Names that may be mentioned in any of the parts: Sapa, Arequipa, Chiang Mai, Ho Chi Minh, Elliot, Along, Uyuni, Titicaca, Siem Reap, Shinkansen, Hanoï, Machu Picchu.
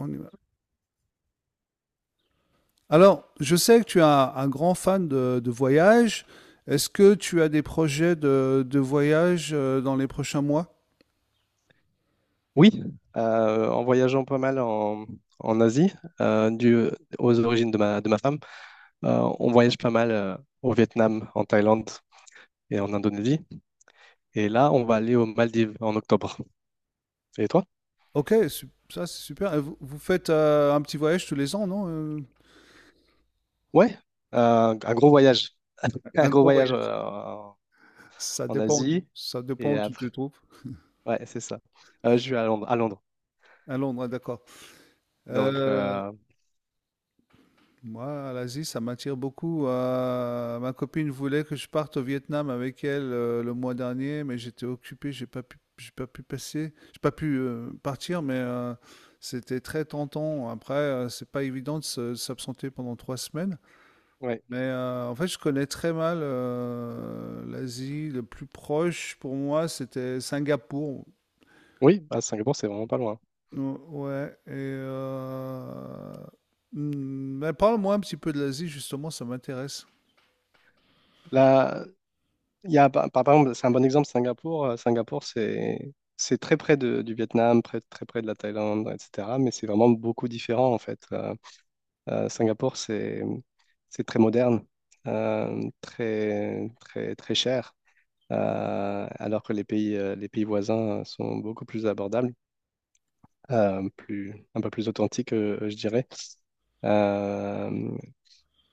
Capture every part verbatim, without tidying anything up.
On y va. Alors, je sais que tu es un, un grand fan de, de voyage. Est-ce que tu as des projets de, de voyage, euh, dans les prochains mois? Oui, euh, en voyageant pas mal en, en Asie, euh, dû aux origines de ma, de ma femme, euh, on voyage pas mal euh, au Vietnam, en Thaïlande et en Indonésie. Et là, on va aller aux Maldives en octobre. Et toi? Ok, su- ça c'est super. Et vous, vous faites euh, un petit voyage tous les ans, non? Euh, Ouais, euh, un gros voyage. Un Un gros gros voyage voyage. euh, Ça en dépend où tu, Asie. ça dépend Et où tu te après, trouves. ouais, c'est ça. Euh, je suis à Londres, à Londres. À Londres, ah, d'accord. Donc, Euh, euh, Moi, l'Asie, ça m'attire beaucoup. Euh, ma copine voulait que je parte au Vietnam avec elle, euh, le mois dernier, mais j'étais occupé, j'ai pas pu, j'ai pas pu passer, j'ai pas pu euh, partir, mais euh, c'était très tentant. Après, euh, c'est pas évident de se- de s'absenter pendant trois semaines. ouais. Mais euh, en fait, je connais très mal, euh, l'Asie. Le plus proche pour moi, c'était Singapour. Oui, à Singapour, c'est vraiment pas loin. Ou- Ouais. Et euh, hmm, mais parle-moi un petit peu de l'Asie, justement, ça m'intéresse. Là. Il y a, par, par- par exemple, c'est un bon exemple, Singapour. Euh, Singapour, c'est c'est très près de- du Vietnam, près- très près de la Thaïlande, et cetera. Mais c'est vraiment beaucoup différent, en fait. Euh, euh, Singapour, c'est c'est très moderne, euh, très, très, très cher, euh, alors que les pays, euh, les pays voisins sont beaucoup plus abordables, euh, plus, un peu plus authentiques, euh, je dirais. Euh,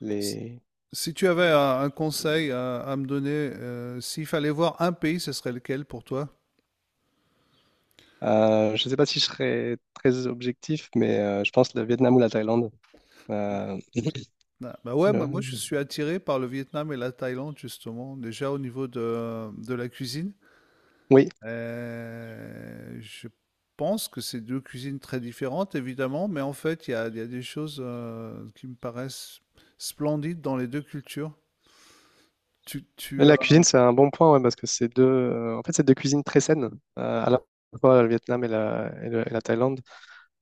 les, Si tu avais un, un conseil à, à me donner, euh, s'il fallait voir un pays, ce serait lequel pour toi? euh, je ne sais pas si je serais très objectif, mais euh, je pense le Vietnam ou la Thaïlande. Euh, Ah, bah ouais, moi, moi, je le- suis attiré par le Vietnam et la Thaïlande justement, déjà au niveau de, de la cuisine. Oui, Euh, je pense que c'est deux cuisines très différentes évidemment, mais en fait il y a, il y a des choses, euh, qui me paraissent splendides dans les deux cultures. Tu, tu, euh, la cuisine, c'est un bon point, ouais, parce que c'est deux, euh, en fait, c'est deux cuisines très saines, euh, à la fois le Vietnam et la, et le- et la Thaïlande.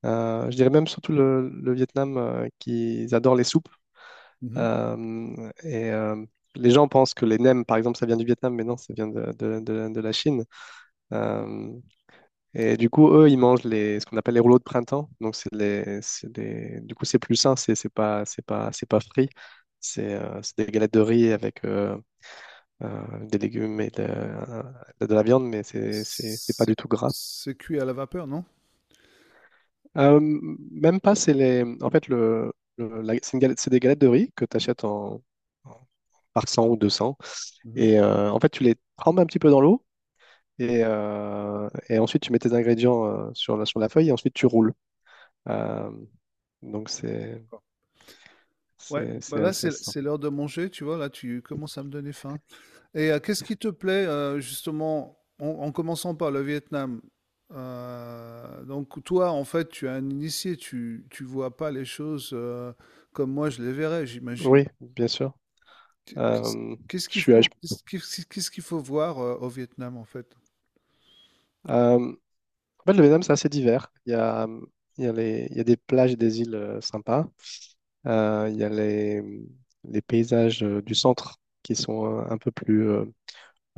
Euh, je dirais même surtout le, le Vietnam, euh, qu'ils adorent les soupes. Mhm. Euh, et euh, les gens pensent que les nems, par exemple, ça vient du Vietnam, mais non, ça vient de, de- de- de la Chine. Euh, et du coup, eux, ils mangent les, ce qu'on appelle les rouleaux de printemps. Donc, c'est les, c'est des- du coup, c'est plus sain, c'est c'est pas, c'est pas, c'est pas frit. C'est euh, c'est des galettes de riz avec euh, euh, avec des légumes et de, de- de la viande, mais c'est c'est- c'est pas C'est du tout gras. c'est cuit à la vapeur, non? Euh, même pas, c'est les, en fait, le, le- la- c'est une galette- c'est des galettes de riz que tu achètes en, en- par cent ou deux cents. Mhm. Et euh, en fait, tu les trempes un petit peu dans l'eau. Et, euh, et ensuite, tu mets tes ingrédients, euh, sur la, sur la feuille, et ensuite, tu roules. Euh, donc, c'est Ouais, c'est- bah c'est là assez c'est simple. c'est l'heure de manger, tu vois, là tu commences à me donner faim. Et euh, qu'est-ce qui te plaît, euh, justement en, en commençant par le Vietnam? Euh, donc toi en fait tu es un initié, tu tu vois pas les choses, euh, comme moi je les verrais, j'imagine. Oui, bien sûr. Qu- Qu'est-ce Euh, qu'est-ce je qu'il suis à- je- faut qu'est-ce qu'est-ce- Qu'est-ce qu'il faut voir, euh, au Vietnam en fait? euh, En fait, le Vietnam, c'est assez divers. Il y a, il y a les- il y a des plages et des îles euh, sympas. Euh, Il y a les, les paysages euh, du centre qui sont euh, un, peu plus, euh,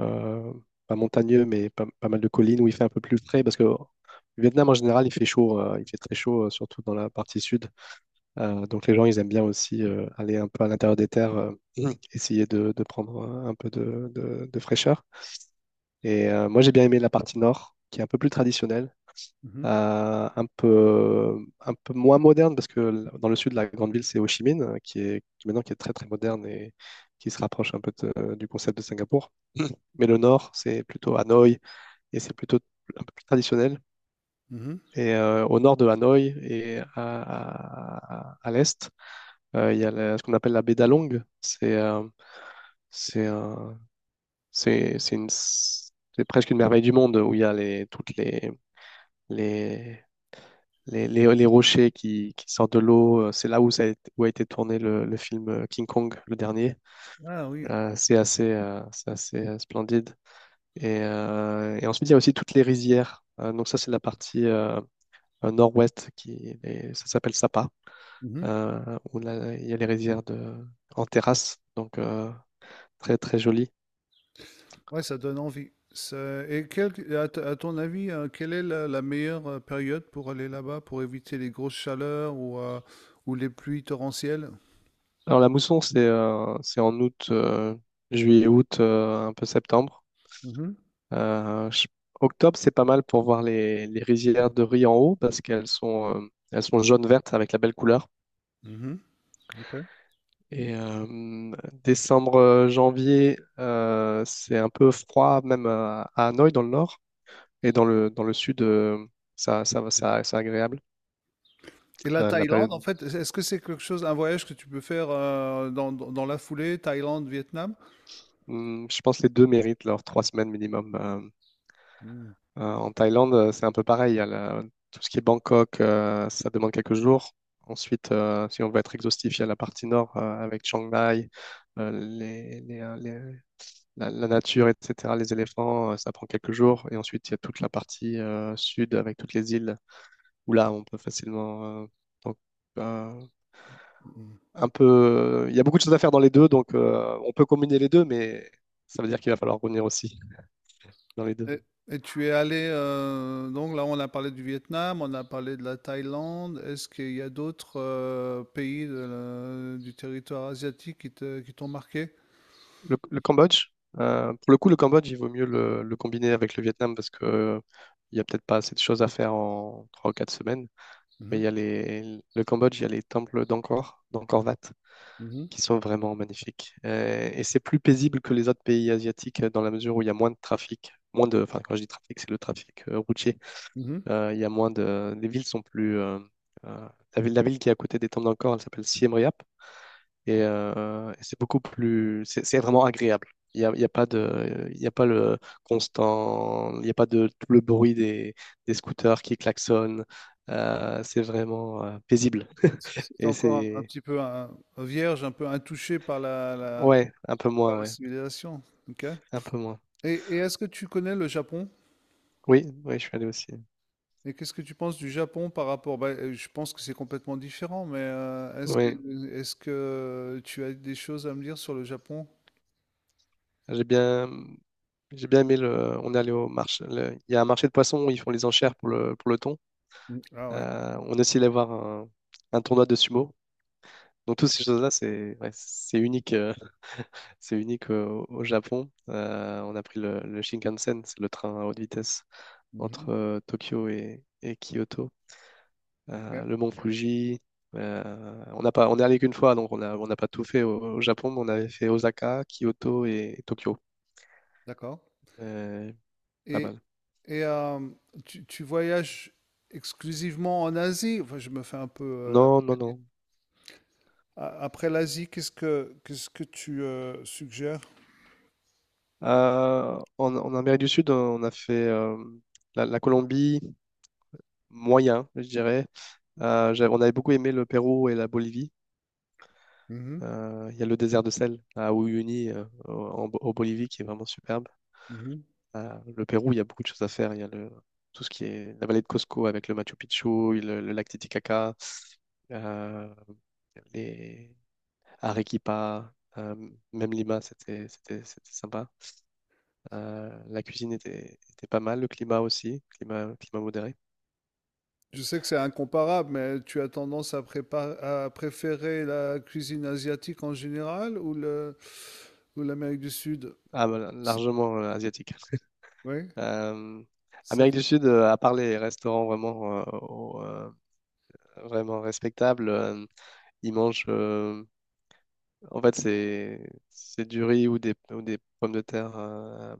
euh, pas montagneux, mais pas, pas mal de collines où il fait un peu plus frais, parce que le Vietnam en général, il fait chaud, euh, il fait très chaud, euh, surtout dans la partie sud. Euh, donc les gens, ils aiment bien aussi, euh, aller un peu à l'intérieur des terres, euh, essayer de, de prendre, euh, un peu de, de- de fraîcheur. Et euh, moi, j'ai bien aimé la partie nord, qui est un peu plus traditionnelle, Mhm, euh, un peu, un peu moins moderne, parce que l- dans le sud, de la grande ville, c'est Ho Chi Minh, euh, qui est qui maintenant qui est très très moderne et qui se rapproche un peu de- du concept de Singapour. Mais le nord, c'est plutôt Hanoï, et c'est plutôt un peu plus traditionnel. mhm. Et euh, au nord de Hanoï et à, à- à l'est, euh, il y a la- ce qu'on appelle la baie d'Along. C'est euh, c'est un- c'est c'est une- C'est presque une merveille du monde où il y a les, toutes les les, les, les, les rochers qui, qui sortent de l'eau. euh, C'est là où, ça a été, où a été tourné le, le film, euh, King Kong, le dernier. Ah oui. Euh, c'est assez, euh, c'est assez euh, splendide. Et, euh, et ensuite, il y a aussi toutes les rizières. Euh, donc ça, c'est la partie euh, euh, nord-ouest, qui et ça s'appelle Sapa, euh, où là, il y a les rizières de, en terrasse. Donc, euh, très, très joli. Ouais, ça donne envie. Ça- Et quel, à, t- à ton avis, euh, quelle est la, la meilleure, euh, période pour aller là-bas, pour éviter les grosses chaleurs ou, euh, ou les pluies torrentielles? Alors la mousson, c'est euh, c'est en août, euh, juillet, août, euh, un peu septembre. Mhm, Euh, je- Octobre, c'est pas mal pour voir les, les rizières de riz en haut, parce qu'elles sont, euh, elles sont jaune vertes avec la belle couleur. mhm, ok. Et euh, décembre, euh, janvier, euh, c'est un peu froid, même à, à Hanoï dans le nord, et dans le, dans le sud, euh, ça, ça, va- ça, c'est agréable. Et la Euh, la Thaïlande, période, en fait, est-ce que c'est quelque chose, un voyage que tu peux faire, euh, dans, dans- dans la foulée, Thaïlande, Vietnam? Hmm, je pense que les deux méritent leurs trois semaines minimum. euh, Mm, Euh, en Thaïlande, euh, c'est un peu pareil. Il y a la- tout ce qui est Bangkok, euh, ça demande quelques jours. Ensuite, euh, si on veut être exhaustif, il y a la partie nord, euh, avec Chiang Mai, euh, les- les- euh, les- la, la nature, et cetera, les éléphants, euh, ça prend quelques jours. Et ensuite, il y a toute la partie euh, sud, avec toutes les îles où là, on peut facilement. Euh, donc, euh, mm. un peu. Il y a beaucoup de choses à faire dans les deux, donc euh, on peut combiner les deux, mais ça veut dire qu'il va falloir revenir aussi dans les deux. Et, et tu es allé, euh, donc là, on a parlé du Vietnam, on a parlé de la Thaïlande. Est-ce qu'il y a d'autres, euh, pays de la- du territoire asiatique qui te- qui t'ont marqué? Le, le Cambodge, euh, pour le coup, le Cambodge, il vaut mieux le, le combiner avec le Vietnam, parce que euh, il y a peut-être pas assez de choses à faire en trois ou quatre semaines. Mmh Mais il mh. y a les, le Cambodge, il y a les temples d'Angkor, d'Angkor Wat, Mmh mh. qui sont vraiment magnifiques. Euh, et c'est plus paisible que les autres pays asiatiques, euh, dans la mesure où il y a moins de trafic. Moins de, enfin, quand je dis trafic, c'est le trafic, euh, routier. Mmh Euh, il y a moins de, les villes sont plus. euh, euh, la ville, la ville qui est à côté des temples d'Angkor, elle s'appelle Siem Reap. Et, euh, et c'est beaucoup plus, c'est c'est vraiment agréable. Il n'y a, il y a pas de, il y a pas le constant, Il n'y a pas de tout le bruit des, des scooters qui klaxonnent. Euh, c'est vraiment euh, paisible. Et encore un un c'est, petit peu un un vierge, un peu intouché par la la ouais, un peu par moins. la Ouais, civilisation. OK. Et un peu moins. Et est-ce que tu connais le Japon? Oui, oui, je suis allé aussi. Et qu'est-ce que tu penses du Japon par rapport bah, heu, je pense que c'est complètement différent, mais, heu, est-ce que Oui, est-ce que tu as des choses à me dire sur le Japon? j'ai bien, j'ai bien aimé le. On est allé au marché. le- Il y a un marché de poissons où ils font les enchères pour le, pour le thon. Mmh. Ah ouais. Euh, on est aussi allé voir un, un tournoi de sumo. Donc toutes ces choses-là, c'est, ouais, c'est unique. euh, C'est unique, euh, au Japon. Euh, on a pris le, le Shinkansen, c'est le train à haute vitesse, Mmh entre euh, Tokyo et, et Kyoto. Euh, OK. Le mont Fuji. Euh, on n'a pas, on est allé qu'une fois, donc on a, on n'a pas tout fait au, au Japon, mais on avait fait Osaka, Kyoto et Tokyo. D'accord. Euh, Pas Et mal. et hem, tu tu voyages exclusivement en Asie? Enfin, je me fais un peu, euh, Non, non, non. A- Après l'Asie, qu'est-ce que qu'est-ce que tu, euh, suggères? Euh, en, en Amérique du Sud, on a fait, euh, la, la Colombie, moyen, je dirais. Euh, j'avais- on avait beaucoup aimé le Pérou et la Bolivie. Mhm, Euh, Il y a le désert de sel à Uyuni, euh, au, en au Bolivie, qui est vraiment superbe. mhm. Euh, le Pérou, il y a beaucoup de choses à faire. Il y a le, Tout ce qui est la vallée de Cusco avec le Machu Picchu, le, le lac Titicaca, euh, les Arequipa, euh, même Lima, c'était c'était- c'était sympa. Euh, la cuisine était, était pas mal, le climat aussi, climat, climat modéré. Je sais que c'est incomparable, mais tu as tendance à, prépa- à préférer la cuisine asiatique en général ou le ou l'Amérique du Sud? Ah, voilà, S- largement euh, asiatique. Oui, Euh, ça Amérique fait. du Sud, euh, à part les restaurants vraiment, euh, au- euh, vraiment respectables. euh, Ils mangent. Euh, en fait, c'est c'est du riz, ou des, ou des pommes de terre, euh,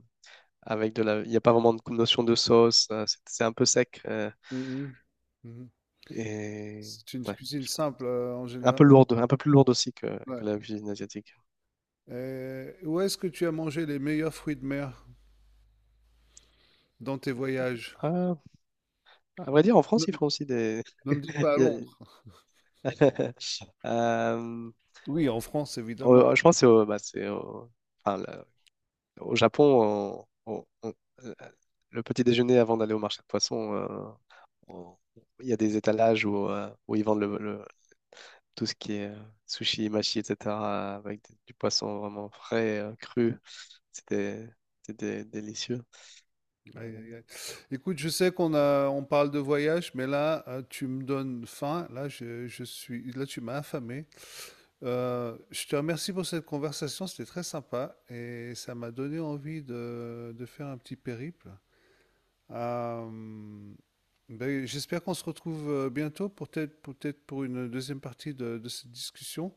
avec de la. Il n'y a pas vraiment de notion de sauce. euh, c'est c'est un peu sec, euh, Mhm. Mhm. et, C'est une ouais, cuisine simple, euh, en un général. peu lourde, un peu plus lourde aussi que, que Ouais. la cuisine asiatique. Euh, où est-ce que tu as mangé les meilleurs fruits de mer dans tes voyages? Ah, à vrai dire, en France, Ne, ils font aussi des. Ne me dis pas à il y Londres. a- Euh, Oui, en France, évidemment. au- je pense que c'est au, bah, c'est au, enfin, là, au Japon, on- on- on- euh, le petit déjeuner avant d'aller au marché de poissons, euh, on- il y a des étalages où, euh, où ils vendent le, tout ce qui est euh, sushi, machi, et cetera, avec d- du poisson vraiment frais, euh, cru. C'était c'était délicieux. Euh, Aïe, aïe, aïe. Écoute, je sais qu'on a, on parle de voyage, mais là, euh, tu me donnes faim. Là, je, je suis, là, tu m'as affamé. Euh, je te remercie pour cette conversation, c'était très sympa et ça m'a donné envie de, de faire un petit périple. Euh, ben, j'espère qu'on se retrouve, euh, bientôt, pour peut-être, peut-être pour une deuxième partie de, de cette discussion.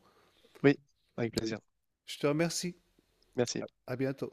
oui, avec plaisir. Je te remercie. Merci. À bientôt.